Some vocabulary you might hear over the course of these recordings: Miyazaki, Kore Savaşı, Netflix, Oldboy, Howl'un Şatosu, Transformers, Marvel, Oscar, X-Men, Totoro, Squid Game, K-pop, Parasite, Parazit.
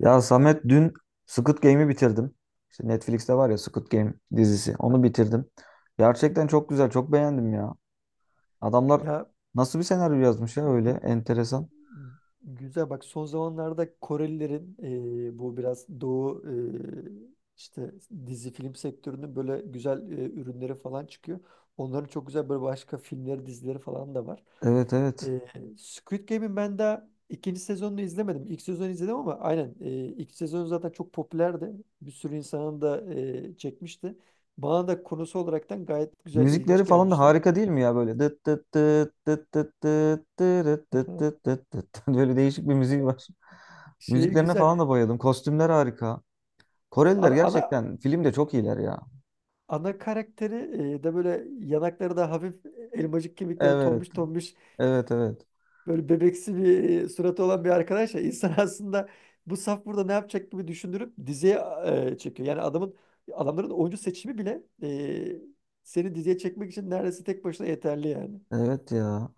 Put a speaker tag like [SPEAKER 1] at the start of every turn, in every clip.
[SPEAKER 1] Ya Samet dün Squid Game'i bitirdim. İşte Netflix'te var ya Squid Game dizisi. Onu bitirdim. Gerçekten çok güzel, çok beğendim ya. Adamlar
[SPEAKER 2] Ya
[SPEAKER 1] nasıl bir senaryo yazmış ya öyle
[SPEAKER 2] bu
[SPEAKER 1] enteresan.
[SPEAKER 2] güzel, bak, son zamanlarda Korelilerin bu biraz Doğu, e, işte dizi film sektörünün böyle güzel ürünleri falan çıkıyor. Onların çok güzel böyle başka filmleri, dizileri falan da var.
[SPEAKER 1] Evet evet.
[SPEAKER 2] E, Squid Game'in ben daha ikinci sezonunu izlemedim. İlk sezonu izledim, ama aynen ilk sezonu zaten çok popülerdi. Bir sürü insanın da çekmişti. Bana da konusu olaraktan gayet güzel,
[SPEAKER 1] Müzikleri
[SPEAKER 2] ilginç
[SPEAKER 1] falan da
[SPEAKER 2] gelmişti.
[SPEAKER 1] harika değil mi ya böyle? Dıt dıt dıt dıt dıt dıt dırıt dıt dıt dıt dıt. Dıt. Böyle değişik bir müziği var.
[SPEAKER 2] Şey
[SPEAKER 1] Müziklerine falan da
[SPEAKER 2] güzel.
[SPEAKER 1] bayıldım. Kostümler harika. Koreliler
[SPEAKER 2] Ana
[SPEAKER 1] gerçekten filmde çok iyiler ya.
[SPEAKER 2] ana karakteri da böyle, yanakları da hafif, elmacık kemikleri
[SPEAKER 1] Evet.
[SPEAKER 2] tombiş tombiş,
[SPEAKER 1] Evet evet.
[SPEAKER 2] böyle bebeksi bir suratı olan bir arkadaş ya insan aslında bu saf burada ne yapacak gibi düşündürüp diziye çekiyor. Yani adamların oyuncu seçimi bile seni diziye çekmek için neredeyse tek başına yeterli yani.
[SPEAKER 1] Evet ya.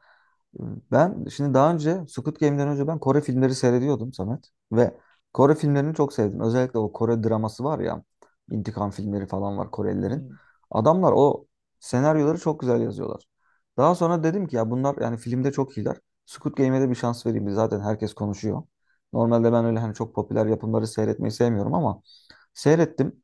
[SPEAKER 1] Ben şimdi daha önce Squid Game'den önce ben Kore filmleri seyrediyordum Samet. Ve Kore filmlerini çok sevdim. Özellikle o Kore draması var ya. İntikam filmleri falan var Korelilerin.
[SPEAKER 2] Hmm.
[SPEAKER 1] Adamlar o senaryoları çok güzel yazıyorlar. Daha sonra dedim ki ya bunlar yani filmde çok iyiler. Squid Game'e de bir şans vereyim. Zaten herkes konuşuyor. Normalde ben öyle hani çok popüler yapımları seyretmeyi sevmiyorum ama seyrettim.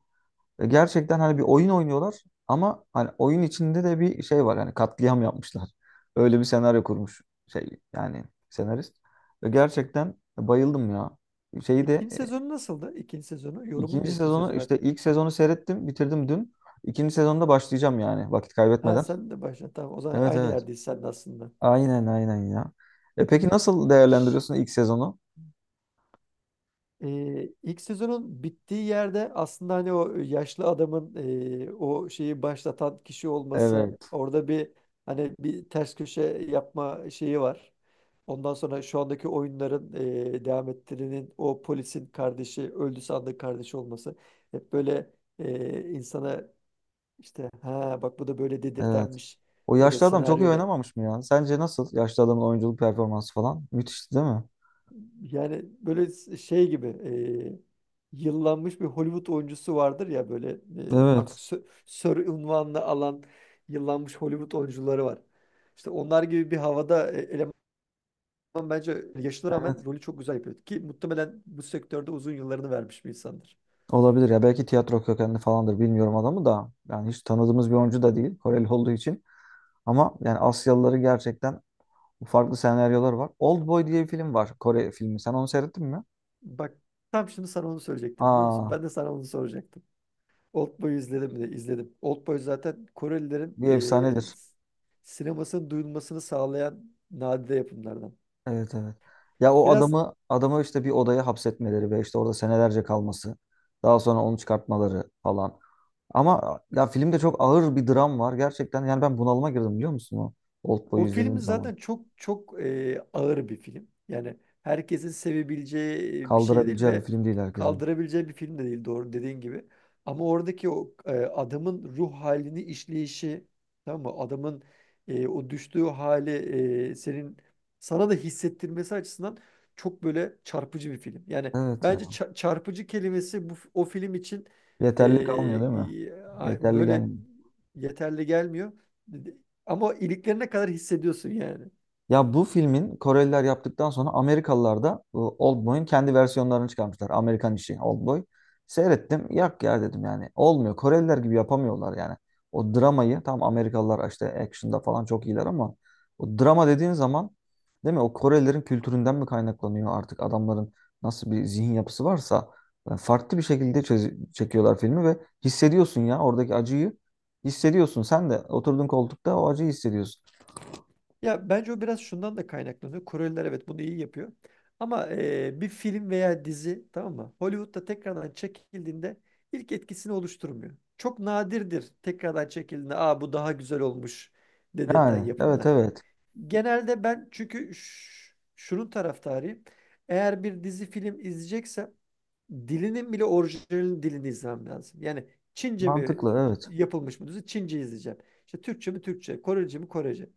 [SPEAKER 1] Gerçekten hani bir oyun oynuyorlar ama hani oyun içinde de bir şey var. Hani katliam yapmışlar. Öyle bir senaryo kurmuş şey yani senarist. Gerçekten bayıldım ya. Şeyi de
[SPEAKER 2] İkinci sezonu nasıldı? İkinci sezonu. Yorumun
[SPEAKER 1] ikinci
[SPEAKER 2] ne ikinci
[SPEAKER 1] sezonu
[SPEAKER 2] sezonu
[SPEAKER 1] işte
[SPEAKER 2] hakkında?
[SPEAKER 1] ilk sezonu seyrettim, bitirdim dün. İkinci sezonda başlayacağım yani vakit
[SPEAKER 2] Ha,
[SPEAKER 1] kaybetmeden.
[SPEAKER 2] sen de başla. Tamam, o zaman
[SPEAKER 1] Evet
[SPEAKER 2] aynı
[SPEAKER 1] evet.
[SPEAKER 2] yerdeyiz sen de aslında.
[SPEAKER 1] Aynen aynen ya. E peki nasıl
[SPEAKER 2] Hı.
[SPEAKER 1] değerlendiriyorsun ilk sezonu?
[SPEAKER 2] İlk sezonun bittiği yerde aslında hani o yaşlı adamın o şeyi başlatan kişi olması,
[SPEAKER 1] Evet,
[SPEAKER 2] orada bir hani bir ters köşe yapma şeyi var. Ondan sonra şu andaki oyunların devam ettirinin o polisin kardeşi öldü sandığı kardeşi olması, hep böyle insana işte "ha bak bu da böyle"
[SPEAKER 1] evet.
[SPEAKER 2] dedirtenmiş
[SPEAKER 1] O
[SPEAKER 2] böyle
[SPEAKER 1] yaşlı adam çok iyi
[SPEAKER 2] senaryoda.
[SPEAKER 1] oynamamış mı ya? Sence nasıl yaşlı adamın oyunculuk performansı falan? Müthişti değil mi?
[SPEAKER 2] Yani böyle şey gibi, yıllanmış bir Hollywood oyuncusu vardır ya böyle, artık
[SPEAKER 1] Evet,
[SPEAKER 2] sör unvanını alan yıllanmış Hollywood oyuncuları var. İşte onlar gibi bir havada eleman, bence yaşına
[SPEAKER 1] evet,
[SPEAKER 2] rağmen rolü çok güzel yapıyor. Ki muhtemelen bu sektörde uzun yıllarını vermiş bir insandır.
[SPEAKER 1] olabilir ya, belki tiyatro kökenli falandır bilmiyorum adamı da, yani hiç tanıdığımız bir oyuncu da değil Koreli olduğu için. Ama yani Asyalıları gerçekten farklı senaryolar var. Oldboy diye bir film var, Kore filmi, sen onu seyrettin mi?
[SPEAKER 2] Bak, tam şimdi sana onu söyleyecektim, biliyor musun?
[SPEAKER 1] Aa,
[SPEAKER 2] Ben de sana onu soracaktım. Oldboy'u izledim mi? İzledim. Oldboy zaten Korelilerin
[SPEAKER 1] bir
[SPEAKER 2] e,
[SPEAKER 1] efsanedir.
[SPEAKER 2] s- sinemasının duyulmasını sağlayan nadide yapımlardan.
[SPEAKER 1] Evet evet. Ya o
[SPEAKER 2] Biraz
[SPEAKER 1] adamı işte bir odaya hapsetmeleri ve işte orada senelerce kalması, daha sonra onu çıkartmaları falan. Ama ya filmde çok ağır bir dram var gerçekten, yani ben bunalıma girdim biliyor musun o Oldboy'u
[SPEAKER 2] o film
[SPEAKER 1] izlediğim zaman.
[SPEAKER 2] zaten çok çok ağır bir film. Yani herkesin sevebileceği bir şey değil
[SPEAKER 1] Kaldırabileceği bir
[SPEAKER 2] ve
[SPEAKER 1] film değil herkesin.
[SPEAKER 2] kaldırabileceği bir film de değil, doğru dediğin gibi. Ama oradaki o adamın ruh halini işleyişi, tamam mı? Adamın o düştüğü hali, e, senin sana da hissettirmesi açısından çok böyle çarpıcı bir film. Yani
[SPEAKER 1] Evet
[SPEAKER 2] bence
[SPEAKER 1] ya.
[SPEAKER 2] çarpıcı kelimesi bu o film için
[SPEAKER 1] Yeterli kalmıyor değil mi? Yeterli
[SPEAKER 2] böyle
[SPEAKER 1] gelmiyor.
[SPEAKER 2] yeterli gelmiyor. Ama o iliklerine kadar hissediyorsun yani.
[SPEAKER 1] Ya bu filmin Koreliler yaptıktan sonra Amerikalılar da bu Oldboy'un kendi versiyonlarını çıkarmışlar. Amerikan işi Oldboy. Seyrettim. Yak ya dedim yani. Olmuyor. Koreliler gibi yapamıyorlar yani. O dramayı tam Amerikalılar işte action'da falan çok iyiler ama o drama dediğin zaman değil mi? O Korelilerin kültüründen mi kaynaklanıyor artık adamların nasıl bir zihin yapısı varsa, yani farklı bir şekilde çekiyorlar filmi ve hissediyorsun ya oradaki acıyı hissediyorsun. Sen de oturduğun koltukta o acıyı hissediyorsun.
[SPEAKER 2] Ya bence o biraz şundan da kaynaklanıyor. Koreliler evet bunu iyi yapıyor. Ama bir film veya dizi, tamam mı? Hollywood'da tekrardan çekildiğinde ilk etkisini oluşturmuyor. Çok nadirdir tekrardan çekildiğinde "aa bu daha güzel olmuş" dedirten
[SPEAKER 1] Yani evet
[SPEAKER 2] yapımlar.
[SPEAKER 1] evet.
[SPEAKER 2] Genelde ben çünkü şunun taraftarıyım. Eğer bir dizi film izleyeceksem dilinin bile orijinal dilini izlemem lazım. Yani Çince mi
[SPEAKER 1] Mantıklı evet.
[SPEAKER 2] yapılmış mı dizi, Çince izleyeceğim. İşte Türkçe mi Türkçe, Korece mi Korece.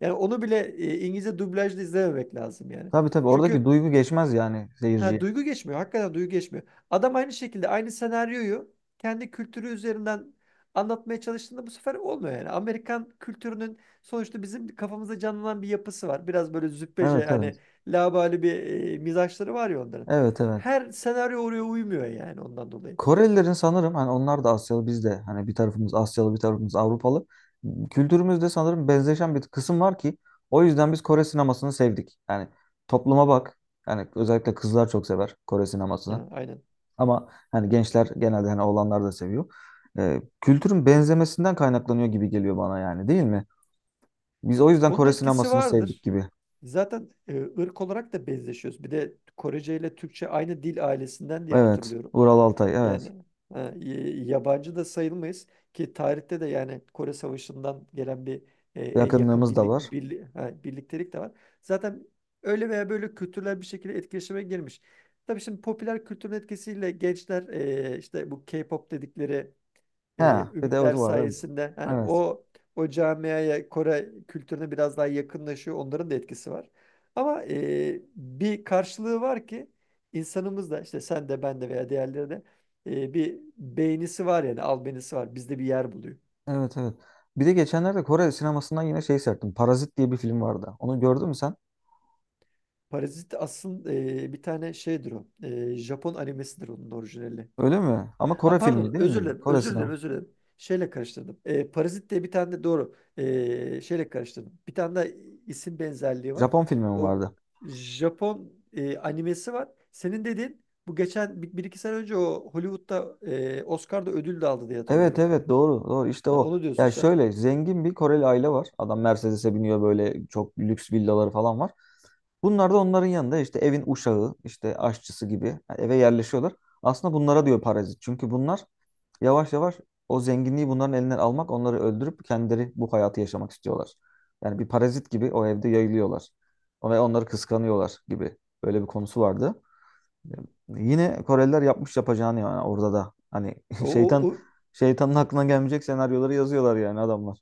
[SPEAKER 2] Yani onu bile İngilizce dublajda izlememek lazım yani.
[SPEAKER 1] Tabii tabii oradaki
[SPEAKER 2] Çünkü
[SPEAKER 1] duygu geçmez yani
[SPEAKER 2] Ha,
[SPEAKER 1] seyirciye.
[SPEAKER 2] duygu geçmiyor. Hakikaten duygu geçmiyor. Adam aynı şekilde aynı senaryoyu kendi kültürü üzerinden anlatmaya çalıştığında bu sefer olmuyor yani. Amerikan kültürünün sonuçta bizim kafamızda canlanan bir yapısı var. Biraz böyle züppece,
[SPEAKER 1] Evet evet.
[SPEAKER 2] hani laubali bir mizaçları var ya onların.
[SPEAKER 1] Evet evet.
[SPEAKER 2] Her senaryo oraya uymuyor yani, ondan dolayı.
[SPEAKER 1] Korelilerin sanırım hani onlar da Asyalı, biz de hani bir tarafımız Asyalı bir tarafımız Avrupalı. Kültürümüzde sanırım benzeşen bir kısım var ki o yüzden biz Kore sinemasını sevdik. Yani topluma bak. Yani özellikle kızlar çok sever Kore sinemasını.
[SPEAKER 2] Ha, aynen.
[SPEAKER 1] Ama hani gençler genelde hani oğlanlar da seviyor. Kültürün benzemesinden kaynaklanıyor gibi geliyor bana yani değil mi? Biz o yüzden
[SPEAKER 2] Onun
[SPEAKER 1] Kore
[SPEAKER 2] etkisi
[SPEAKER 1] sinemasını sevdik
[SPEAKER 2] vardır.
[SPEAKER 1] gibi.
[SPEAKER 2] Zaten ırk olarak da benzeşiyoruz. Bir de Korece ile Türkçe aynı dil ailesinden diye
[SPEAKER 1] Evet.
[SPEAKER 2] hatırlıyorum.
[SPEAKER 1] Ural Altay evet.
[SPEAKER 2] Yani ha, yabancı da sayılmayız, ki tarihte de yani Kore Savaşı'ndan gelen bir en yakın
[SPEAKER 1] Yakınlığımız da var.
[SPEAKER 2] birliktelik de var. Zaten öyle veya böyle kültürler bir şekilde etkileşime girmiş. Tabii şimdi popüler kültürün etkisiyle gençler işte bu K-pop dedikleri e,
[SPEAKER 1] He, bir de
[SPEAKER 2] ünlüler
[SPEAKER 1] o var evet.
[SPEAKER 2] sayesinde, hani
[SPEAKER 1] Evet.
[SPEAKER 2] o camiaya, Kore kültürüne biraz daha yakınlaşıyor. Onların da etkisi var. Ama bir karşılığı var ki, insanımız da işte, sen de ben de veya diğerleri de, bir beynisi var, yani albenisi var. Bizde bir yer buluyor.
[SPEAKER 1] Evet evet. Bir de geçenlerde Kore sinemasından yine şey serttim, Parazit diye bir film vardı. Onu gördün mü sen?
[SPEAKER 2] Parazit aslında bir tane şeydir o. E, Japon animesidir onun orijinali.
[SPEAKER 1] Öyle mi? Ama
[SPEAKER 2] Ha
[SPEAKER 1] Kore filmi
[SPEAKER 2] pardon,
[SPEAKER 1] değil
[SPEAKER 2] özür
[SPEAKER 1] mi?
[SPEAKER 2] dilerim,
[SPEAKER 1] Kore
[SPEAKER 2] özür dilerim,
[SPEAKER 1] sinema.
[SPEAKER 2] özür dilerim. Şeyle karıştırdım. Parazit diye bir tane de doğru. Şeyle karıştırdım. Bir tane de isim benzerliği var.
[SPEAKER 1] Japon filmi mi
[SPEAKER 2] O
[SPEAKER 1] vardı?
[SPEAKER 2] Japon animesi var. Senin dediğin bu geçen bir, bir iki sene önce o Hollywood'da Oscar'da ödül de aldı diye
[SPEAKER 1] Evet
[SPEAKER 2] hatırlıyorum.
[SPEAKER 1] evet, doğru doğru, işte
[SPEAKER 2] Ha,
[SPEAKER 1] o.
[SPEAKER 2] onu diyorsun
[SPEAKER 1] Ya
[SPEAKER 2] sen.
[SPEAKER 1] şöyle zengin bir Koreli aile var. Adam Mercedes'e biniyor, böyle çok lüks villaları falan var. Bunlar da onların yanında işte evin uşağı, işte aşçısı gibi eve yerleşiyorlar. Aslında bunlara diyor parazit. Çünkü bunlar yavaş yavaş o zenginliği bunların elinden almak, onları öldürüp kendileri bu hayatı yaşamak istiyorlar. Yani bir parazit gibi o evde yayılıyorlar. Ve onları kıskanıyorlar gibi. Böyle bir konusu vardı. Yine Koreliler yapmış yapacağını yani orada da. Hani
[SPEAKER 2] O,
[SPEAKER 1] şeytan,
[SPEAKER 2] o, o
[SPEAKER 1] şeytanın aklına gelmeyecek senaryoları yazıyorlar yani adamlar.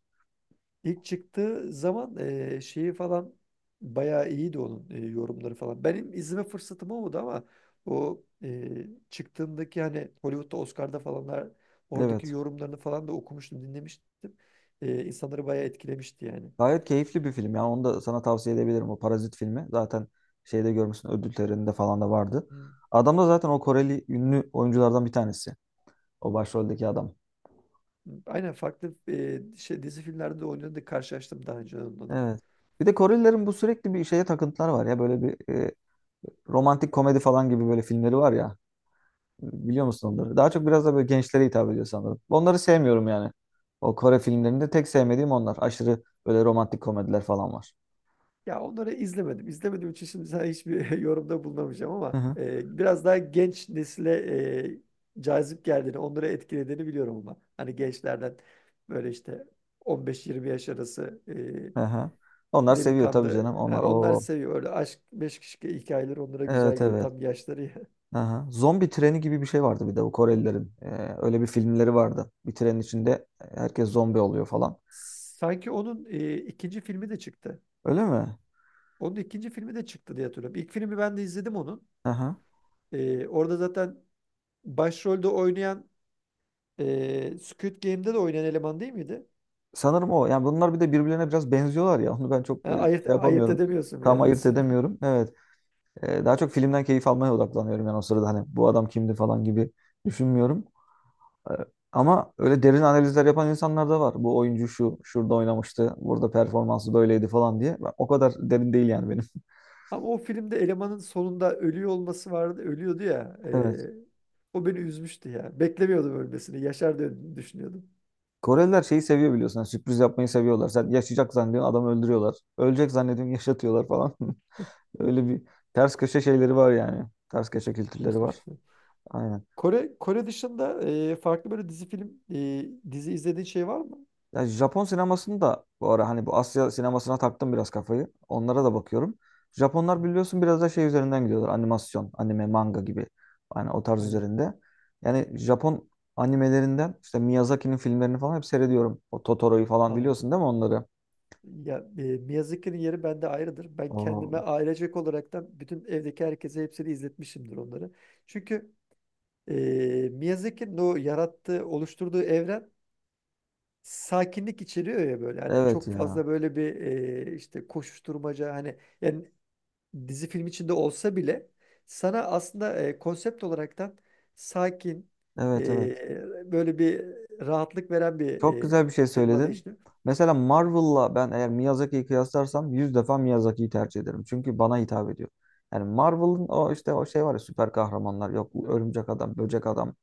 [SPEAKER 2] İlk çıktığı zaman şeyi falan bayağı iyiydi onun, yorumları falan. Benim izleme fırsatım olmadı ama o çıktığındaki hani Hollywood'da Oscar'da falanlar, oradaki
[SPEAKER 1] Evet.
[SPEAKER 2] yorumlarını falan da okumuştum, dinlemiştim. İnsanları bayağı etkilemişti yani.
[SPEAKER 1] Gayet keyifli bir film. Yani onu da sana tavsiye edebilirim. O Parazit filmi. Zaten şeyde görmüşsün ödül töreninde falan da vardı.
[SPEAKER 2] Hı.
[SPEAKER 1] Adam da zaten o Koreli ünlü oyunculardan bir tanesi. O başroldeki adam.
[SPEAKER 2] Aynen, farklı dizi filmlerde de oynadı, karşılaştım daha önce onunla da.
[SPEAKER 1] Evet. Bir de Korelilerin bu sürekli bir şeye takıntılar var ya, böyle bir romantik komedi falan gibi böyle filmleri var ya. Biliyor musun onları? Daha çok biraz da böyle gençlere hitap ediyor sanırım. Onları sevmiyorum yani. O Kore filmlerinde tek sevmediğim onlar. Aşırı böyle romantik komediler falan var.
[SPEAKER 2] Ya onları izlemedim. İzlemediğim için şimdi sana hiçbir yorumda bulunamayacağım,
[SPEAKER 1] Hı
[SPEAKER 2] ama
[SPEAKER 1] hı.
[SPEAKER 2] biraz daha genç nesile cazip geldiğini, onları etkilediğini biliyorum ama. Hani gençlerden, böyle işte 15-20 yaş arası
[SPEAKER 1] Hı hı. Onlar seviyor tabii canım.
[SPEAKER 2] delikanlı. Ha,
[SPEAKER 1] Onlar
[SPEAKER 2] onlar
[SPEAKER 1] o
[SPEAKER 2] seviyor. Öyle aşk, meşk şike hikayeleri onlara güzel
[SPEAKER 1] evet
[SPEAKER 2] geliyor.
[SPEAKER 1] evet.
[SPEAKER 2] Tam yaşları ya.
[SPEAKER 1] Hı hı. Zombi treni gibi bir şey vardı bir de bu Korelilerin. Öyle bir filmleri vardı. Bir trenin içinde herkes zombi oluyor falan.
[SPEAKER 2] Sanki onun ikinci filmi de çıktı.
[SPEAKER 1] Öyle mi?
[SPEAKER 2] Onun ikinci filmi de çıktı diye hatırlıyorum. İlk filmi ben de izledim onun.
[SPEAKER 1] Hı hı.
[SPEAKER 2] E, orada zaten başrolde oynayan, Squid Game'de de oynayan eleman değil miydi?
[SPEAKER 1] Sanırım o. Yani bunlar bir de birbirlerine biraz benziyorlar ya. Onu ben
[SPEAKER 2] Ha,
[SPEAKER 1] çok şey
[SPEAKER 2] ayırt
[SPEAKER 1] yapamıyorum.
[SPEAKER 2] edemiyorsun bir
[SPEAKER 1] Tam
[SPEAKER 2] yerden
[SPEAKER 1] ayırt
[SPEAKER 2] sonra.
[SPEAKER 1] edemiyorum. Evet. Daha çok filmden keyif almaya odaklanıyorum yani o sırada hani bu adam kimdi falan gibi düşünmüyorum. E, Ama öyle derin analizler yapan insanlar da var. Bu oyuncu şu, şurada oynamıştı, burada performansı böyleydi falan diye. Ben- O kadar derin değil yani benim.
[SPEAKER 2] Ama o filmde elemanın sonunda ölüyor olması vardı. Ölüyordu ya.
[SPEAKER 1] Evet.
[SPEAKER 2] O beni üzmüştü ya. Beklemiyordum ölmesini. Yaşar diye düşünüyordum.
[SPEAKER 1] Koreliler şeyi seviyor biliyorsun. Yani sürpriz yapmayı seviyorlar. Sen yaşayacak zannediyorsun adamı öldürüyorlar. Ölecek zannediyorsun yaşatıyorlar falan. Öyle bir ters köşe şeyleri var yani. Ters köşe kültürleri
[SPEAKER 2] Ters
[SPEAKER 1] var.
[SPEAKER 2] köşesine.
[SPEAKER 1] Aynen.
[SPEAKER 2] Kore dışında farklı böyle dizi film dizi izlediğin şey var mı?
[SPEAKER 1] Ya Japon sinemasını da bu ara hani bu Asya sinemasına taktım biraz kafayı. Onlara da bakıyorum.
[SPEAKER 2] Hı.
[SPEAKER 1] Japonlar biliyorsun biraz da şey üzerinden gidiyorlar. Animasyon, anime, manga gibi. Yani o tarz
[SPEAKER 2] Aynen.
[SPEAKER 1] üzerinde. Yani Japon animelerinden işte Miyazaki'nin filmlerini falan hep seyrediyorum. O Totoro'yu falan
[SPEAKER 2] Abi.
[SPEAKER 1] biliyorsun değil mi onları?
[SPEAKER 2] Ya, Miyazaki'nin yeri bende ayrıdır. Ben kendime
[SPEAKER 1] Oo,
[SPEAKER 2] ailecek olaraktan bütün evdeki herkese hepsini izletmişimdir onları. Çünkü Ee, Miyazaki'nin o yarattığı, oluşturduğu evren sakinlik içeriyor ya böyle. Hani
[SPEAKER 1] evet
[SPEAKER 2] çok
[SPEAKER 1] ya.
[SPEAKER 2] fazla böyle bir işte koşuşturmaca, hani yani dizi film içinde olsa bile sana aslında konsept olaraktan sakin,
[SPEAKER 1] Evet evet.
[SPEAKER 2] böyle bir rahatlık veren bir
[SPEAKER 1] Çok güzel bir şey
[SPEAKER 2] temada
[SPEAKER 1] söyledin.
[SPEAKER 2] işliyor.
[SPEAKER 1] Mesela Marvel'la ben eğer Miyazaki'yi kıyaslarsam 100 defa Miyazaki'yi tercih ederim. Çünkü bana hitap ediyor. Yani Marvel'ın o işte o şey var ya süper kahramanlar, yok örümcek adam, böcek adam,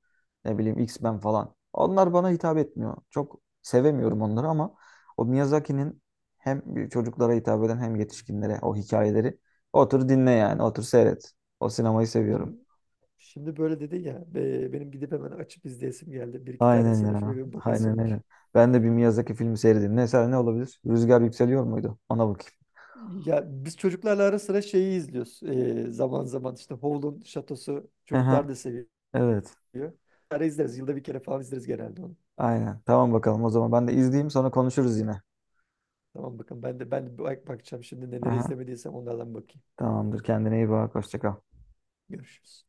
[SPEAKER 1] ne bileyim X-Men falan. Onlar bana hitap etmiyor. Çok sevemiyorum onları ama o Miyazaki'nin hem çocuklara hitap eden hem yetişkinlere o hikayeleri, otur dinle yani, otur seyret. O sinemayı seviyorum.
[SPEAKER 2] Şimdi, şimdi böyle dedi ya, benim gidip hemen açıp izleyesim geldi. Bir iki
[SPEAKER 1] Aynen
[SPEAKER 2] tanesine
[SPEAKER 1] ya.
[SPEAKER 2] şöyle bir bakasım
[SPEAKER 1] Aynen
[SPEAKER 2] var.
[SPEAKER 1] aynen. Ben de bir Miyazaki filmi seyredeyim. Ne, mesela ne olabilir? Rüzgar Yükseliyor muydu? Ona bakayım.
[SPEAKER 2] Ya biz çocuklarla ara sıra şeyi izliyoruz. Zaman zaman işte Howl'un Şatosu
[SPEAKER 1] Aha,
[SPEAKER 2] çocuklar da seviyor.
[SPEAKER 1] evet.
[SPEAKER 2] Ara izleriz. Yılda bir kere falan izleriz genelde onu.
[SPEAKER 1] Aynen. Tamam bakalım o zaman ben de izleyeyim, sonra konuşuruz yine.
[SPEAKER 2] Tamam bakın, ben de bak bakacağım şimdi, neleri
[SPEAKER 1] Aha,
[SPEAKER 2] izlemediysem onlardan bakayım.
[SPEAKER 1] tamamdır. Kendine iyi bak. Hoşça kal.
[SPEAKER 2] Görüşürüz.